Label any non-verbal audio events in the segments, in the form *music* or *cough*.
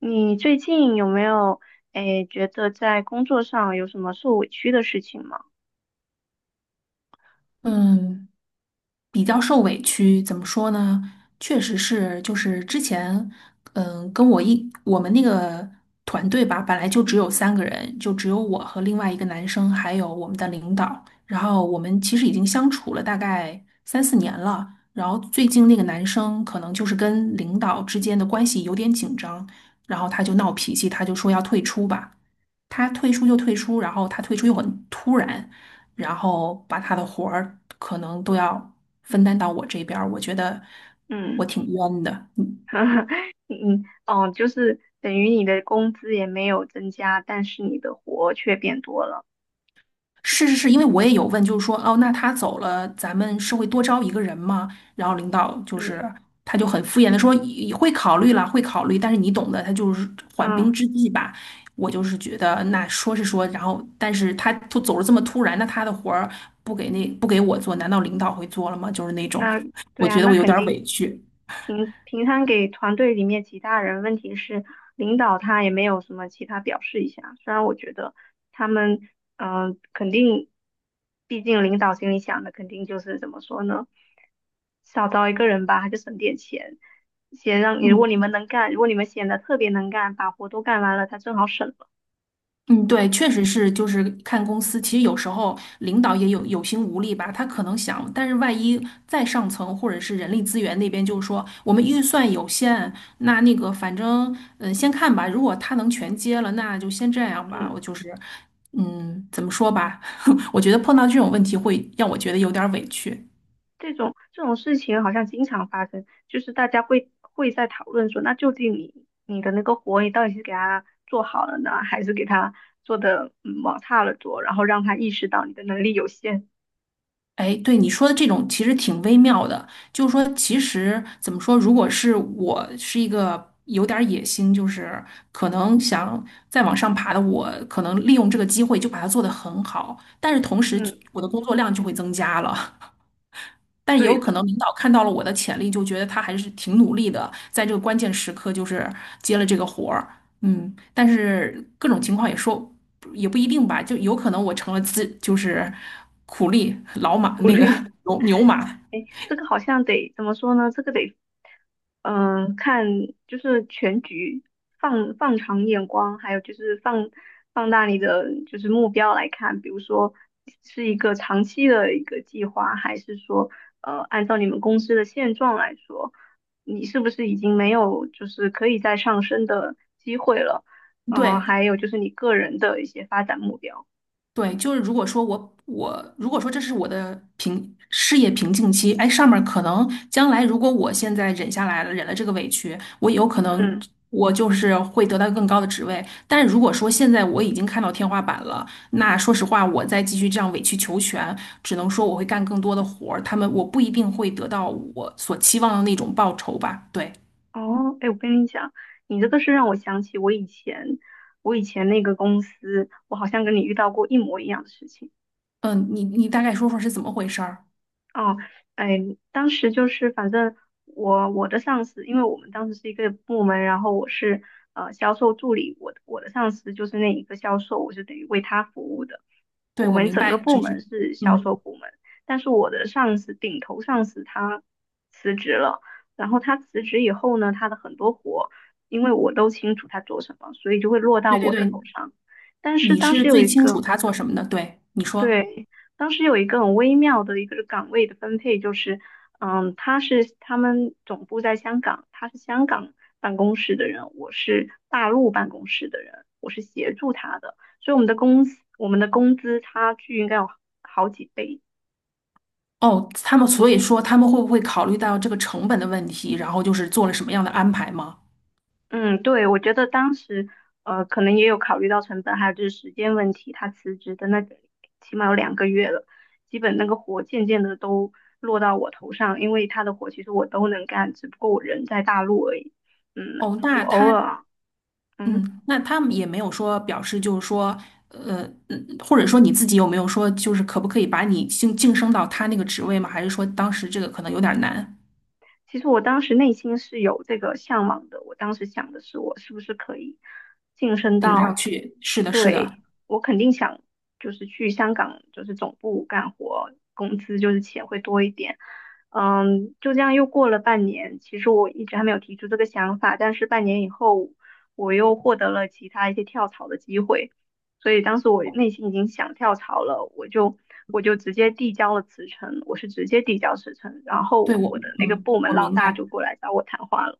你最近有没有觉得在工作上有什么受委屈的事情吗？嗯，比较受委屈，怎么说呢？确实是，就是之前，嗯，跟我一我们那个团队吧，本来就只有3个人，就只有我和另外一个男生，还有我们的领导。然后我们其实已经相处了大概3、4年了。然后最近那个男生可能就是跟领导之间的关系有点紧张，然后他就闹脾气，他就说要退出吧。他退出就退出，然后他退出又很突然，然后把他的活儿可能都要分担到我这边儿，我觉得我嗯。挺冤的。嗯。 *laughs* 嗯，哦，就是等于你的工资也没有增加，但是你的活却变多了。是是是，因为我也有问，就是说，哦，那他走了，咱们是会多招一个人吗？然后领导就是嗯他就很敷衍的说，也会考虑了，会考虑，但是你懂的，他就是缓嗯，兵之计吧。我就是觉得，那说是说，然后，但是他突走了这么突然，那他的活儿不给我做，难道领导会做了吗？就是那种，那对我啊，觉得那我有肯点儿委定是屈。平摊给团队里面其他人。问题是领导他也没有什么其他表示一下，虽然我觉得他们肯定，毕竟领导心里想的肯定就是怎么说呢？少招一个人吧，就省点钱。先让你，如嗯。果你们能干，如果你们显得特别能干，把活都干完了，他正好省了。嗯，对，确实是，就是看公司。其实有时候领导也有心无力吧，他可能想，但是万一再上层或者是人力资源那边就是说，我们预算有限，那个反正先看吧。如果他能全接了，那就先这样吧。嗯我就是嗯，怎么说吧，*laughs* 我觉得碰到这种问题会让我觉得嗯，有点儿委屈。这种事情好像经常发生，就是大家会在讨论说，那究竟你的那个活，你到底是给他做好了呢，还是给他做的往差了做，然后让他意识到你的能力有限。哎，对你说的这种其实挺微妙的，就是说，其实怎么说，如果是我是一个有点儿野心，就是可能想再往上爬的我，可能利用这个机会就把它做得很好，但是同时嗯，我的工作量就会增加了。但也对有可的，能领导看到了我的潜力，就觉得他还是挺努力的，在这个关键时刻就是接了这个活儿，嗯，但是各种情况也说也不一定吧，就有可能我成了自就是苦力老马鼓那个励。牛牛马，这个好像得怎么说呢？这个得，看就是全局，放长眼光，还有就是放大你的就是目标来看，比如说是一个长期的一个计划，还是说按照你们公司的现状来说，你是不是已经没有就是可以再上升的机会了？对，还有就是你个人的一些发展目标，对，就是如果说我如果说这是我的平事业瓶颈期，哎，上面儿可能将来如果我现在忍下来了，忍了这个委屈，我有可能嗯。我就是会得到更高的职位。但是如果说现在我已经看到天花板了，那说实话，我再继续这样委曲求全，只能说我会干更多的活儿，他们我不一定会得到我所期望的那种报酬吧。对，哦，哎，我跟你讲，你这个是让我想起我以前，那个公司，我好像跟你遇到过一模一样的事情。嗯，你你大概说说是怎么回事儿？哦，哎，当时就是反正我的上司，因为我们当时是一个部门，然后我是销售助理，我的上司就是那一个销售，我是等于为他服务的。对，我我们明整个白，部就是，门是销售嗯，部门，但是我的上司顶头上司他辞职了，然后他辞职以后呢，他的很多活，因为我都清楚他做什么，所以就会落到对对我的对，头上。但是你当是时有最一清楚个他做什么的，对，你说。对，当时有一个很微妙的一个岗位的分配，就是，他是他们总部在香港，他是香港办公室的人，我是大陆办公室的人，我是协助他的，所以我们的工资差距应该有好几倍。哦，他们所以说他们会不会考虑到这个成本的问题，然后就是做了什么样的安排吗？嗯，对，我觉得当时可能也有考虑到成本，还有就是时间问题。他辞职的那个起码有2个月了，基本那个活渐渐的都落到我头上，因为他的活其实我都能干，只不过我人在大陆而已。嗯，哦，我那偶他，尔，嗯。嗯，那他们也没有说表示，就是说，嗯或者说你自己有没有说，就是可不可以把你晋升到他那个职位吗？还是说当时这个可能有点难其实我当时内心是有这个向往的，我当时想的是我是不是可以晋升顶到，上去？是的，是对，的，我肯定想就是去香港就是总部干活，工资就是钱会多一点。嗯，就这样又过了半年，其实我一直还没有提出这个想法，但是半年以后我又获得了其他一些跳槽的机会。所以当时我内心已经想跳槽了，我就直接递交了辞呈，我是直接递交辞呈，然对后我，我的那个嗯，部门我老明大白。就过来找我谈话了。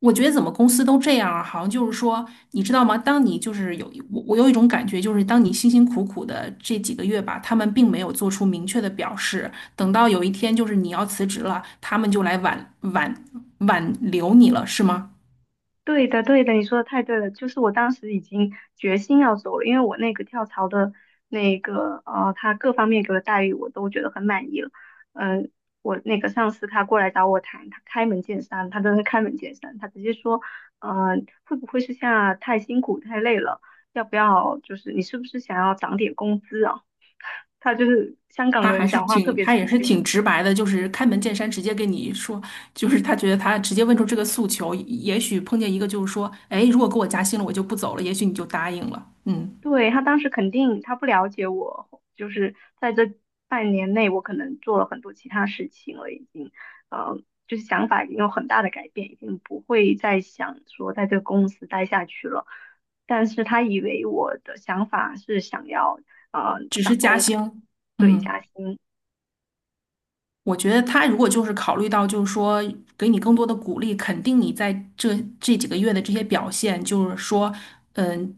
我觉得怎么公司都这样啊，好像就是说，你知道吗？当你就是有我，我有一种感觉，就是当你辛辛苦苦的这几个月吧，他们并没有做出明确的表示。等到有一天就是你要辞职了，他们就来挽留你了，是吗？对的，对的，你说的太对了。就是我当时已经决心要走了，因为我那个跳槽的那个他各方面给我的待遇我都觉得很满意了。嗯、我那个上司他过来找我谈，他开门见山，他真的是开门见山，他直接说，呃，会不会是现在太辛苦太累了？要不要就是你是不是想要涨点工资啊？他就是香港他人还是讲话特挺，别他直也是接。挺直白的，就是开门见山，直接跟你说，就是他觉得他直接问出这个诉求，也许碰见一个就是说，哎，如果给我加薪了，我就不走了，也许你就答应了，嗯，对，他当时肯定他不了解我，就是在这半年内，我可能做了很多其他事情了，已经，呃，就是想法已经有很大的改变，已经不会再想说在这个公司待下去了。但是他以为我的想法是想要只是涨加工资，薪，对，加嗯。薪。我觉得他如果就是考虑到，就是说给你更多的鼓励，肯定你在这这几个月的这些表现，就是说，嗯，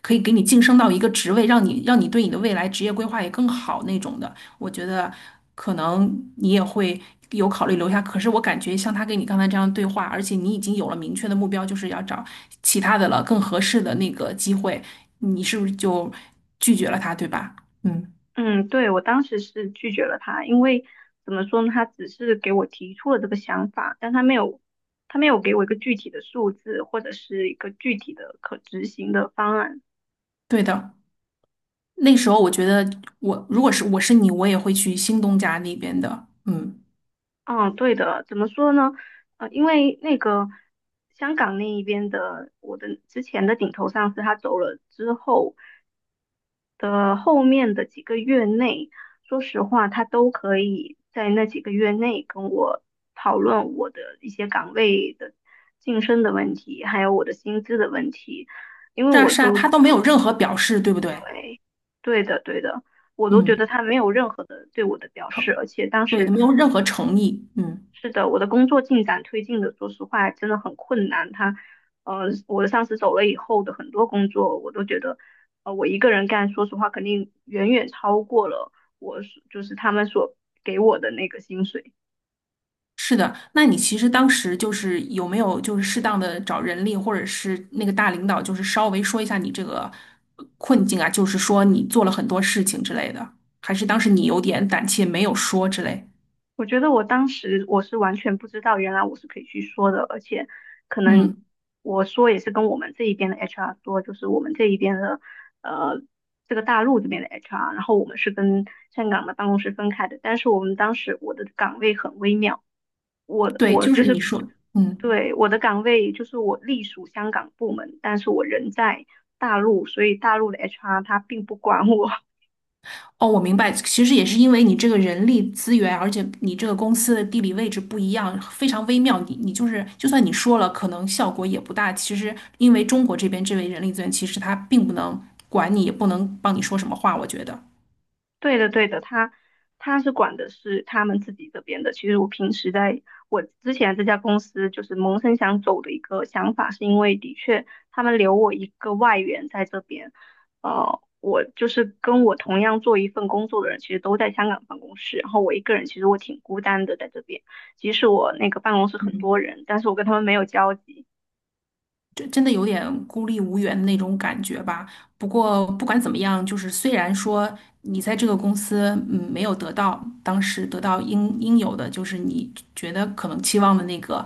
可以给你晋升到一个职位，让你对你的未来职业规划也更好那种的。我觉得可能你也会有考虑留下。可是我感觉像他跟你刚才这样对话，而且你已经有了明确的目标，就是要找其他的了，更合适的那个机会，你是不是就拒绝了他，对吧？嗯，嗯，对，我当时是拒绝了他，因为怎么说呢，他只是给我提出了这个想法，但他没有，他没有给我一个具体的数字或者是一个具体的可执行的方案。对的。那时候我觉得我是你，我也会去新东家那边的。嗯，嗯，对的，怎么说呢？因为那个香港那一边的我的之前的顶头上司他走了之后，的后面的几个月内，说实话，他都可以在那几个月内跟我讨论我的一些岗位的晋升的问题，还有我的薪资的问题，因为是啊我是啊，都，他都没有任何表示，对不对？对，对的，对的，我都觉得嗯，他没有任何的对我的表示，而且当对，时没有任何诚意。嗯，是的，我的工作进展推进的，说实话真的很困难。我的上司走了以后的很多工作，我都觉得，我一个人干，说实话肯定远远超过了我所就是他们所给我的那个薪水。是的。那你其实当时就是有没有就是适当的找人力或者是那个大领导，就是稍微说一下你这个困境啊，就是说你做了很多事情之类的，还是当时你有点胆怯没有说之类？我觉得我当时是完全不知道，原来我是可以去说的，而且可能嗯，我说也是跟我们这一边的 HR 说，就是我们这一边的呃这个大陆这边的 HR，然后我们是跟香港的办公室分开的，但是我们当时我的岗位很微妙，我对，我就就是你是说，嗯。对，我的岗位就是我隶属香港部门，但是我人在大陆，所以大陆的 HR 他并不管我，哦，我明白，其实也是因为你这个人力资源，而且你这个公司的地理位置不一样，非常微妙。你你就是，就算你说了，可能效果也不大。其实因为中国这边这位人力资源，其实他并不能管你，也不能帮你说什么话，我觉得。对的，对的，他是管的是他们自己这边的。其实我平时在我之前这家公司，就是萌生想走的一个想法，是因为的确他们留我一个外援在这边，我就是跟我同样做一份工作的人，其实都在香港办公室，然后我一个人其实挺孤单的在这边。即使我那个办公室很嗯，多人，但是我跟他们没有交集。这真的有点孤立无援的那种感觉吧。不过不管怎么样，就是虽然说你在这个公司嗯没有得到当时得到应有的，就是你觉得可能期望的那个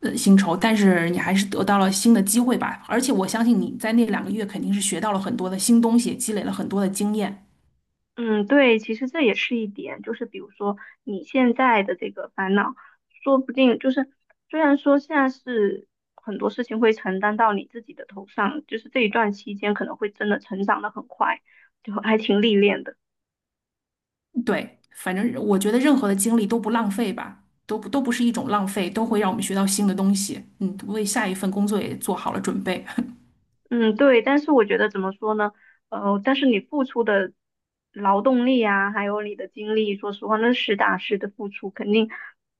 薪酬，但是你还是得到了新的机会吧。而且我相信你在那2个月肯定是学到了很多的新东西，积累了很多的经验。嗯，对，其实这也是一点，就是比如说你现在的这个烦恼，说不定就是虽然说现在是很多事情会承担到你自己的头上，就是这一段期间可能会真的成长的很快，就还挺历练的。对，反正我觉得任何的经历都不浪费吧，都不是一种浪费，都会让我们学到新的东西。嗯，为下一份工作也做好了准备。嗯，对，但是我觉得怎么说呢？但是你付出的劳动力啊，还有你的精力，说实话，那实打实的付出，肯定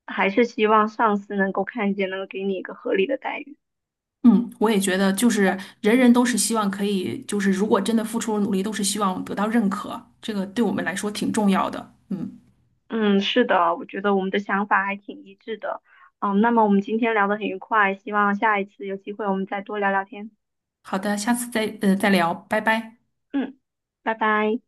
还是希望上司能够看见，能够给你一个合理的待遇。嗯，我也觉得，就是人人都是希望可以，就是如果真的付出了努力，都是希望得到认可，这个对我们来说挺重要的。嗯，嗯，是的，我觉得我们的想法还挺一致的。嗯，那么我们今天聊得很愉快，希望下一次有机会我们再多聊聊天。好的，下次再再聊，拜拜。嗯，拜拜。